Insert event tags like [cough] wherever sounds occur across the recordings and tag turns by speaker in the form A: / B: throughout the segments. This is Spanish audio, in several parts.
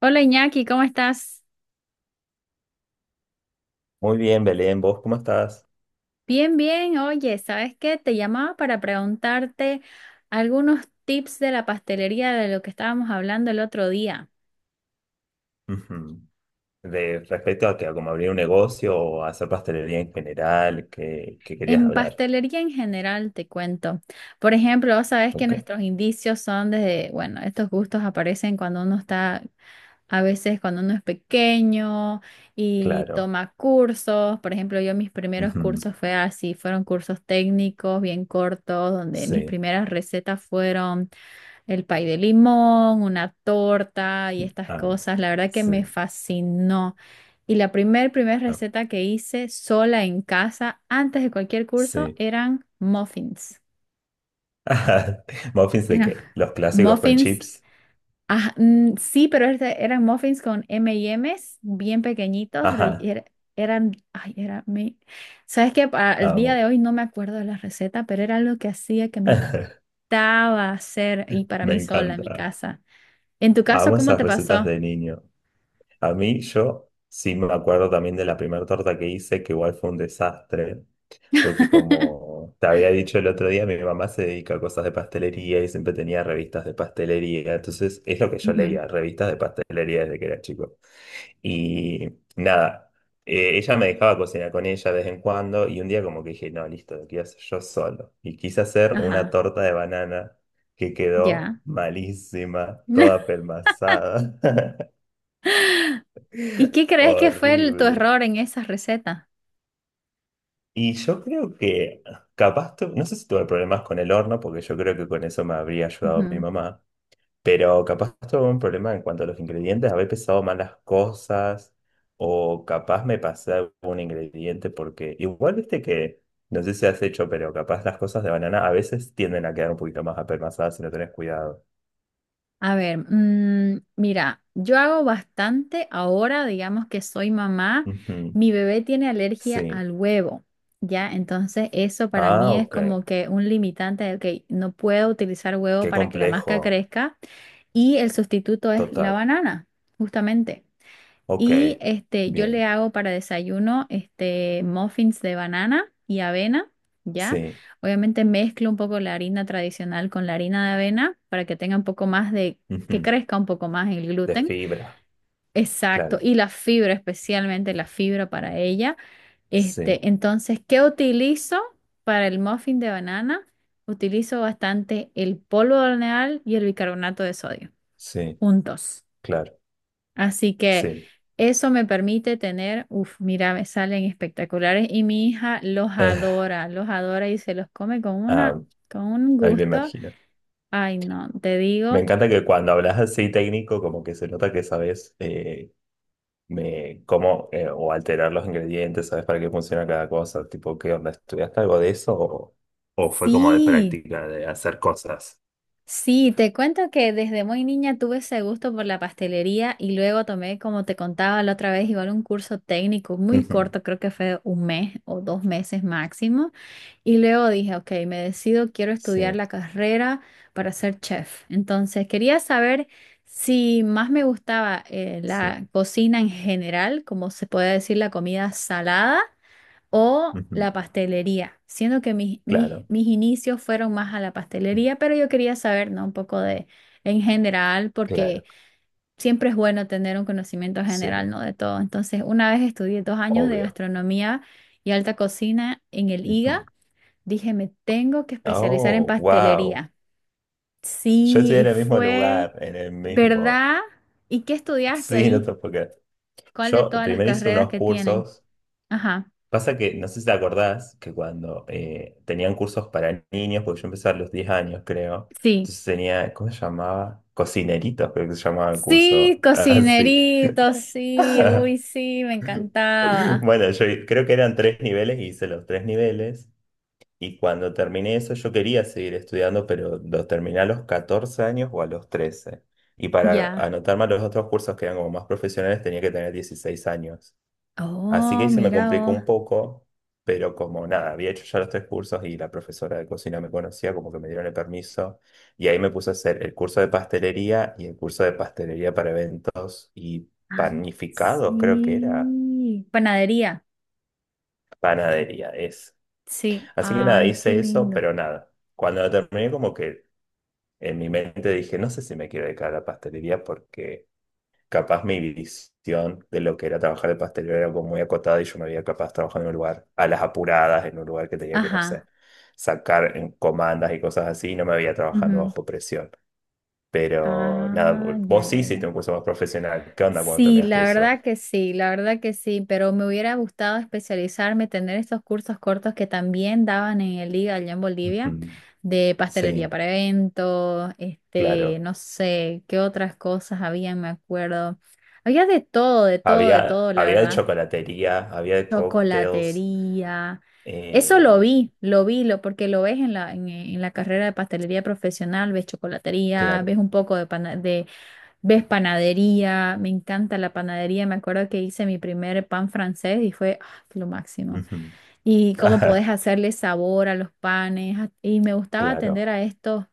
A: Hola Iñaki, ¿cómo estás?
B: Muy bien, Belén, ¿vos cómo estás?
A: Bien, bien. Oye, ¿sabes qué? Te llamaba para preguntarte algunos tips de la pastelería de lo que estábamos hablando el otro día.
B: Ujú. De respecto a que a como abrir un negocio o hacer pastelería en general, ¿qué querías
A: En
B: hablar?
A: pastelería en general, te cuento. Por ejemplo, vos sabés que
B: Ok,
A: nuestros indicios son desde, bueno, estos gustos aparecen cuando uno está, a veces cuando uno es pequeño y
B: claro.
A: toma cursos. Por ejemplo, yo mis primeros
B: Ujú.
A: cursos fue así, fueron cursos técnicos bien cortos, donde mis
B: Sí,
A: primeras recetas fueron el pay de limón, una torta y estas
B: ah,
A: cosas, la verdad que
B: sí,
A: me fascinó. Y la primer
B: ah,
A: receta que hice sola en casa, antes de cualquier curso,
B: sí.
A: eran muffins.
B: [laughs] Ajá. ¿Muffins de
A: Eran
B: qué? Los
A: [laughs]
B: clásicos con
A: muffins,
B: chips.
A: sí, pero eran muffins con M&M's bien pequeñitos. Re-
B: Ajá,
A: era- eran, ay, era, me- sabes que el día
B: amo.
A: de hoy no me acuerdo de la receta, pero era algo que hacía que me
B: [laughs]
A: encantaba hacer y para
B: Me
A: mí sola en mi
B: encanta.
A: casa. En tu caso,
B: Amo
A: ¿cómo
B: esas
A: te
B: recetas
A: pasó?
B: de niño. A mí, yo sí me acuerdo también de la primera torta que hice, que igual fue un desastre. Porque como te había dicho el otro día, mi mamá se dedica a cosas de pastelería y siempre tenía revistas de pastelería. Entonces es lo que yo
A: Ujú,
B: leía, revistas de pastelería desde que era chico. Y nada, ella me dejaba cocinar con ella de vez en cuando y un día como que dije, no, listo, lo quiero hacer yo solo. Y quise hacer una
A: ajá,
B: torta de banana que quedó
A: ya.
B: malísima, toda
A: [laughs]
B: pelmazada,
A: ¿Y qué
B: [laughs]
A: crees que fue tu
B: horrible.
A: error en esa receta?
B: Y yo creo que capaz, no sé si tuve problemas con el horno, porque yo creo que con eso me habría ayudado mi
A: Ujú.
B: mamá, pero capaz tuve un problema en cuanto a los ingredientes, haber pesado mal las cosas, o capaz me pasé algún ingrediente, porque igual viste que, no sé si has hecho, pero capaz las cosas de banana a veces tienden a quedar un poquito más apelmazadas si no tenés cuidado.
A: A ver, mira, yo hago bastante ahora, digamos que soy mamá,
B: Ujú,
A: mi bebé tiene alergia
B: sí.
A: al huevo, ¿ya? Entonces eso para
B: Ah,
A: mí es
B: ok.
A: como que un limitante de, ok, no puedo utilizar huevo
B: Qué
A: para que la masca
B: complejo.
A: crezca y el sustituto es la
B: Total.
A: banana, justamente.
B: Ok.
A: Y este, yo le
B: Bien.
A: hago para desayuno este, muffins de banana y avena, ¿ya?
B: Sí.
A: Obviamente mezclo un poco la harina tradicional con la harina de avena para que tenga un poco más de, que
B: Ujú,
A: crezca un poco más el
B: de
A: gluten.
B: fibra.
A: Exacto,
B: Claro.
A: y la fibra, especialmente la fibra para ella.
B: Sí,
A: Este, entonces, ¿qué utilizo para el muffin de banana? Utilizo bastante el polvo de hornear y el bicarbonato de sodio,
B: sí,
A: juntos.
B: claro,
A: Así que
B: sí. [laughs]
A: eso me permite tener, uff, mira, me salen espectaculares y mi hija
B: Eh,
A: los adora y se los come con una,
B: ah,
A: con un
B: ahí me
A: gusto.
B: imagino.
A: Ay, no, te
B: Me
A: digo,
B: encanta que cuando hablas así técnico, como que se nota que sabes cómo o alterar los ingredientes, sabes para qué funciona cada cosa. Tipo, ¿qué onda? ¿Estudiaste algo de eso o fue como de
A: sí,
B: práctica, de hacer cosas?
A: sí, te cuento que desde muy niña tuve ese gusto por la pastelería y luego tomé, como te contaba la otra vez, igual un curso técnico muy
B: Ujú,
A: corto, creo que fue un mes o 2 meses máximo. Y luego dije, ok, me decido, quiero estudiar
B: sí,
A: la carrera para ser chef. Entonces, quería saber si más me gustaba
B: sí.
A: la cocina en general, como se puede decir la comida salada, o
B: Ujú,
A: la pastelería, siendo que mis, mis,
B: claro,
A: mis inicios fueron más a la
B: mm,
A: pastelería, pero yo quería saber, ¿no? Un poco de en general, porque
B: claro,
A: siempre es bueno tener un conocimiento general,
B: sí,
A: ¿no? De todo. Entonces, una vez estudié 2 años de
B: obvio.
A: gastronomía y alta cocina en el
B: Ujú.
A: IGA. Dije, me tengo que especializar en
B: Oh, wow.
A: pastelería.
B: Yo
A: Sí,
B: estoy
A: y
B: en el mismo
A: fue,
B: lugar, en el mismo.
A: ¿verdad? ¿Y qué estudiaste
B: Sí, no te
A: ahí?
B: puedo creer.
A: ¿Cuál de
B: Yo
A: todas las
B: primero hice
A: carreras
B: unos
A: que tienen?
B: cursos.
A: Ajá,
B: Pasa que, no sé si te acordás, que cuando tenían cursos para niños, porque yo empecé a los 10 años, creo.
A: sí.
B: Entonces tenía, ¿cómo se llamaba? Cocineritos, creo que se llamaba el
A: Sí,
B: curso. [laughs] Así.
A: cocinerito, sí, uy,
B: [laughs]
A: sí, me encantaba.
B: Bueno, yo creo que eran tres niveles, y hice los tres niveles. Y cuando terminé eso, yo quería seguir estudiando, pero lo terminé a los 14 años o a los 13. Y para
A: Ya.
B: anotarme a los otros cursos que eran como más profesionales, tenía que tener 16 años. Así que
A: Oh,
B: ahí se me
A: mira
B: complicó
A: vos.
B: un poco, pero como nada, había hecho ya los tres cursos y la profesora de cocina me conocía, como que me dieron el permiso. Y ahí me puse a hacer el curso de pastelería y el curso de pastelería para eventos y
A: Ah,
B: panificados, creo que era
A: sí, panadería.
B: panadería, es.
A: Sí,
B: Así que nada,
A: ay, qué
B: hice eso,
A: lindo.
B: pero nada. Cuando lo terminé, como que en mi mente dije, no sé si me quiero dedicar a la pastelería porque capaz mi visión de lo que era trabajar de pastelero era como muy acotada y yo me veía capaz trabajando en un lugar a las apuradas, en un lugar que tenía que, no sé,
A: Ajá.
B: sacar en comandas y cosas así, y no me veía trabajando
A: Ujú.
B: bajo presión. Pero nada,
A: Ah,
B: vo-
A: ya,
B: vos sí
A: ya,
B: hiciste un
A: ya.
B: curso más profesional. ¿Qué onda cuando
A: Sí,
B: terminaste
A: la
B: eso?
A: verdad que sí, la verdad que sí, pero me hubiera gustado especializarme, tener estos cursos cortos que también daban en el IGA allá en Bolivia,
B: Ujú.
A: de pastelería
B: Sí,
A: para eventos, este,
B: claro.
A: no sé, qué otras cosas había, me acuerdo. Había de todo, de todo, de
B: Había,
A: todo, la
B: había de
A: verdad.
B: chocolatería, había de cócteles.
A: Chocolatería. Eso lo
B: eh,
A: vi, lo vi, lo, porque lo ves en la carrera de pastelería profesional, ves chocolatería,
B: claro.
A: ves un poco de, ¿ves panadería? Me encanta la panadería. Me acuerdo que hice mi primer pan francés y fue ah, lo máximo.
B: Ujú.
A: Y cómo
B: [laughs]
A: podés hacerle sabor a los panes. Y me gustaba
B: Claro,
A: atender a estos,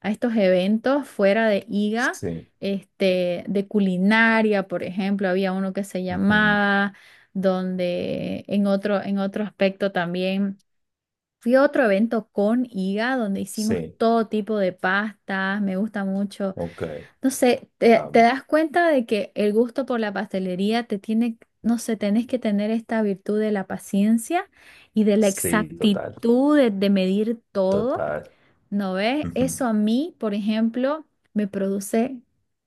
A: a estos eventos fuera de IGA,
B: sí.
A: este, de culinaria, por ejemplo. Había uno que se
B: Ujú.
A: llamaba, donde en otro aspecto también. Fui a otro evento con IGA donde hicimos
B: Sí,
A: todo tipo de pastas. Me gusta mucho,
B: ok.
A: no sé, te
B: Vamos.
A: das cuenta de que el gusto por la pastelería te tiene, no sé, tenés que tener esta virtud de la paciencia y de la
B: Sí, total,
A: exactitud de medir todo,
B: total.
A: ¿no ves?
B: Ujú.
A: Eso a mí, por ejemplo, me produce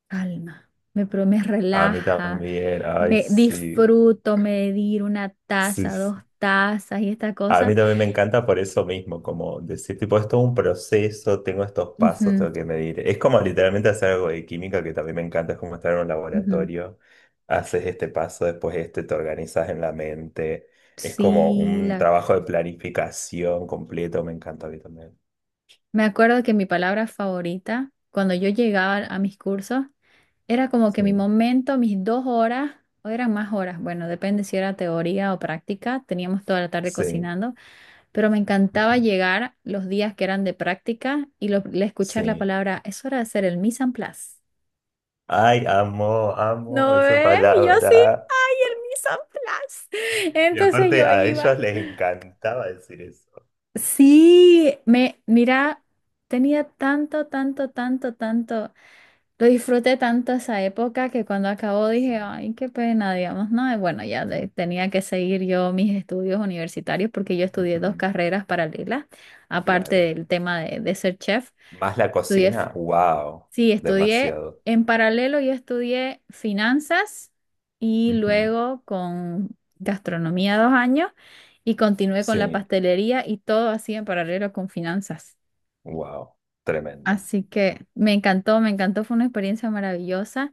A: calma, me
B: A mí
A: relaja,
B: también, ay,
A: me
B: sí,
A: disfruto medir una
B: sí,
A: taza,
B: sí.
A: 2 tazas y esta
B: A
A: cosa.
B: mí también me encanta por eso mismo, como decir, tipo, esto es un proceso, tengo estos pasos,
A: Ujú,
B: tengo que medir. Es como literalmente hacer algo de química que también me encanta, es como estar en un
A: ujú.
B: laboratorio, haces este paso, después este, te organizas en la mente. Es como
A: Sí,
B: un
A: la,
B: trabajo de planificación completo, me encanta a mí también.
A: me acuerdo que mi palabra favorita, cuando yo llegaba a mis cursos, era como que
B: Sí,
A: mi momento, mis 2 horas, o eran más horas, bueno, depende si era teoría o práctica, teníamos toda la tarde
B: sí,
A: cocinando, pero me
B: ujú,
A: encantaba llegar los días que eran de práctica y le escuchar la
B: sí.
A: palabra, es hora de hacer el mise en place.
B: Ay, amo, amo
A: ¿No
B: esa
A: ve? Y yo sí,
B: palabra.
A: ¡ay, el mise en place! [laughs]
B: Y
A: Entonces
B: aparte
A: yo
B: a ellos
A: iba.
B: les encantaba decir eso.
A: Sí, mira, tenía tanto, tanto, tanto, tanto. Lo disfruté tanto esa época que cuando acabó dije,
B: Sí. [laughs]
A: ay, qué pena, digamos, no, y bueno, tenía que seguir yo mis estudios universitarios porque yo estudié dos
B: Ujú,
A: carreras paralelas, aparte
B: claro.
A: del tema de ser chef.
B: Más la
A: Estudié, f-
B: cocina, wow,
A: sí, estudié
B: demasiado.
A: en paralelo, yo estudié finanzas
B: [laughs]
A: y
B: Ujú.
A: luego con gastronomía 2 años y continué con la
B: Sí,
A: pastelería y todo así en paralelo con finanzas.
B: wow, tremendo.
A: Así que me encantó, fue una experiencia maravillosa.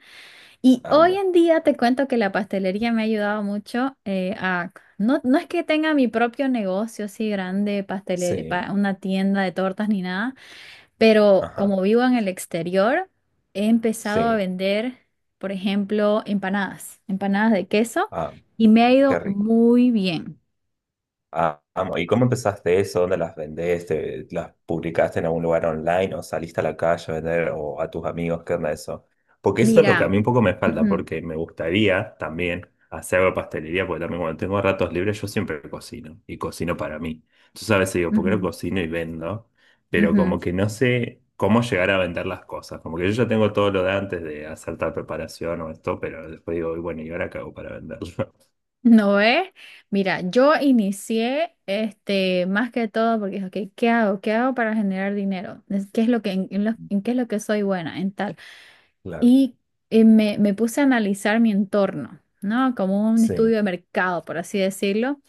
A: Y hoy
B: Amo.
A: en día te cuento que la pastelería me ha ayudado mucho a... No, no es que tenga mi propio negocio así grande, pastelería,
B: Sí,
A: una tienda de tortas ni nada, pero
B: ajá,
A: como vivo en el exterior, he empezado a
B: sí,
A: vender, por ejemplo, empanadas, empanadas de queso,
B: ah,
A: y me ha
B: qué
A: ido
B: rico.
A: muy bien.
B: Ah, amo. ¿Y cómo empezaste eso? ¿Dónde las vendés? ¿Las publicaste en algún lugar online o saliste a la calle a vender o a tus amigos? ¿Qué onda eso? Porque eso es lo que a mí
A: Mira,
B: un poco me falta,
A: ujú,
B: porque me gustaría también hacer algo de pastelería, porque también cuando tengo ratos libres yo siempre cocino y cocino para mí. Entonces a veces digo, ¿por qué no
A: ujú,
B: cocino y vendo? Pero como
A: ujú.
B: que no sé cómo llegar a vender las cosas. Como que yo ya tengo todo lo de antes de hacer tal preparación o esto, pero después digo, "Y bueno, ¿y ahora qué hago para venderlo?" [laughs]
A: No es. Mira, yo inicié este más que todo porque dije, ok, ¿qué hago? ¿Qué hago para generar dinero? ¿Qué es lo que, en qué es lo que soy buena? En tal.
B: Claro,
A: Y me puse a analizar mi entorno, ¿no? Como un estudio
B: sí,
A: de mercado, por así decirlo.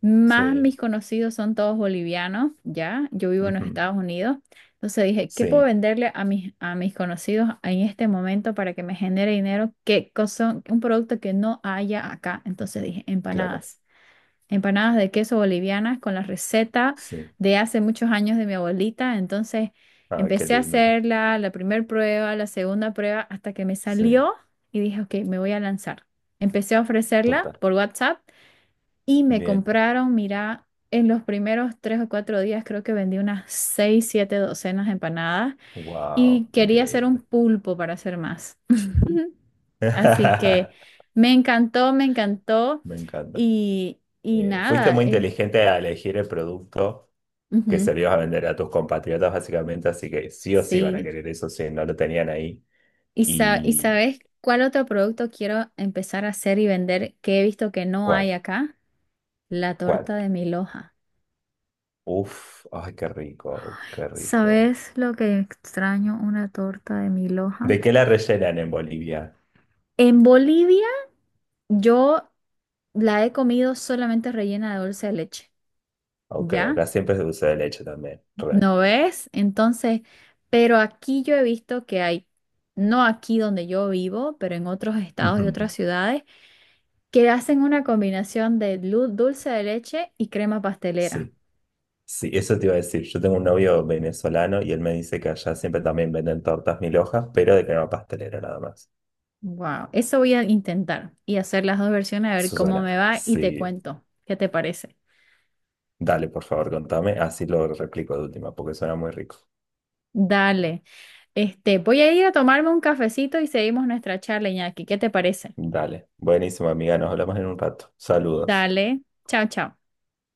A: Más mis
B: sí.
A: conocidos son todos bolivianos, ¿ya? Yo vivo en los
B: Ujú.
A: Estados Unidos. Entonces dije, ¿qué puedo
B: Sí,
A: venderle a mis conocidos en este momento para que me genere dinero? ¿Qué cosa? Un producto que no haya acá. Entonces dije,
B: claro,
A: empanadas de queso bolivianas con la receta
B: sí.
A: de hace muchos años de mi abuelita. Entonces
B: Ah, qué
A: empecé a
B: lindo.
A: hacerla, la primera prueba, la segunda prueba, hasta que me
B: Sí,
A: salió y dije, ok, me voy a lanzar. Empecé a ofrecerla
B: total.
A: por WhatsApp y me
B: Bien.
A: compraron, mira, en los primeros 3 o 4 días creo que vendí unas 6, 7 docenas de empanadas y
B: Wow,
A: quería hacer un
B: increíble.
A: pulpo para hacer más. [laughs] Así que
B: [laughs]
A: me encantó
B: Me encanta.
A: y
B: Fuiste
A: nada,
B: muy inteligente a elegir el producto que
A: ujú,
B: servías a vender a tus compatriotas, básicamente, así que sí o sí van a
A: sí.
B: querer eso si no lo tenían ahí.
A: ¿Y
B: ¿Y
A: sabes cuál otro producto quiero empezar a hacer y vender que he visto que no hay
B: cuál?
A: acá? La
B: ¿Cuál?
A: torta de mi loja.
B: Uf, ay, qué rico, qué rico.
A: ¿Sabes lo que extraño una torta de mi loja?
B: ¿De qué la rellenan en Bolivia?
A: En Bolivia yo la he comido solamente rellena de dulce de leche,
B: Ok,
A: ¿ya?
B: acá siempre es de dulce de leche también. Re.
A: ¿No ves? Entonces, pero aquí yo he visto que hay, no aquí donde yo vivo, pero en otros estados y
B: Ujú.
A: otras ciudades, que hacen una combinación de dulce de leche y crema pastelera.
B: Sí. Sí, eso te iba a decir. Yo tengo un novio venezolano y él me dice que allá siempre también venden tortas mil hojas, pero de crema pastelera nada más.
A: Wow, eso voy a intentar y hacer las dos versiones a ver
B: Eso
A: cómo
B: suena.
A: me va y te
B: Sí,
A: cuento. ¿Qué te parece?
B: dale, por favor, contame. Así lo replico de última, porque suena muy rico.
A: Dale. Este, voy a ir a tomarme un cafecito y seguimos nuestra charla, Iñaki. ¿Qué te parece?
B: Dale. Buenísimo, amiga. Nos hablamos en un rato. Saludos.
A: Dale. Chao, chao.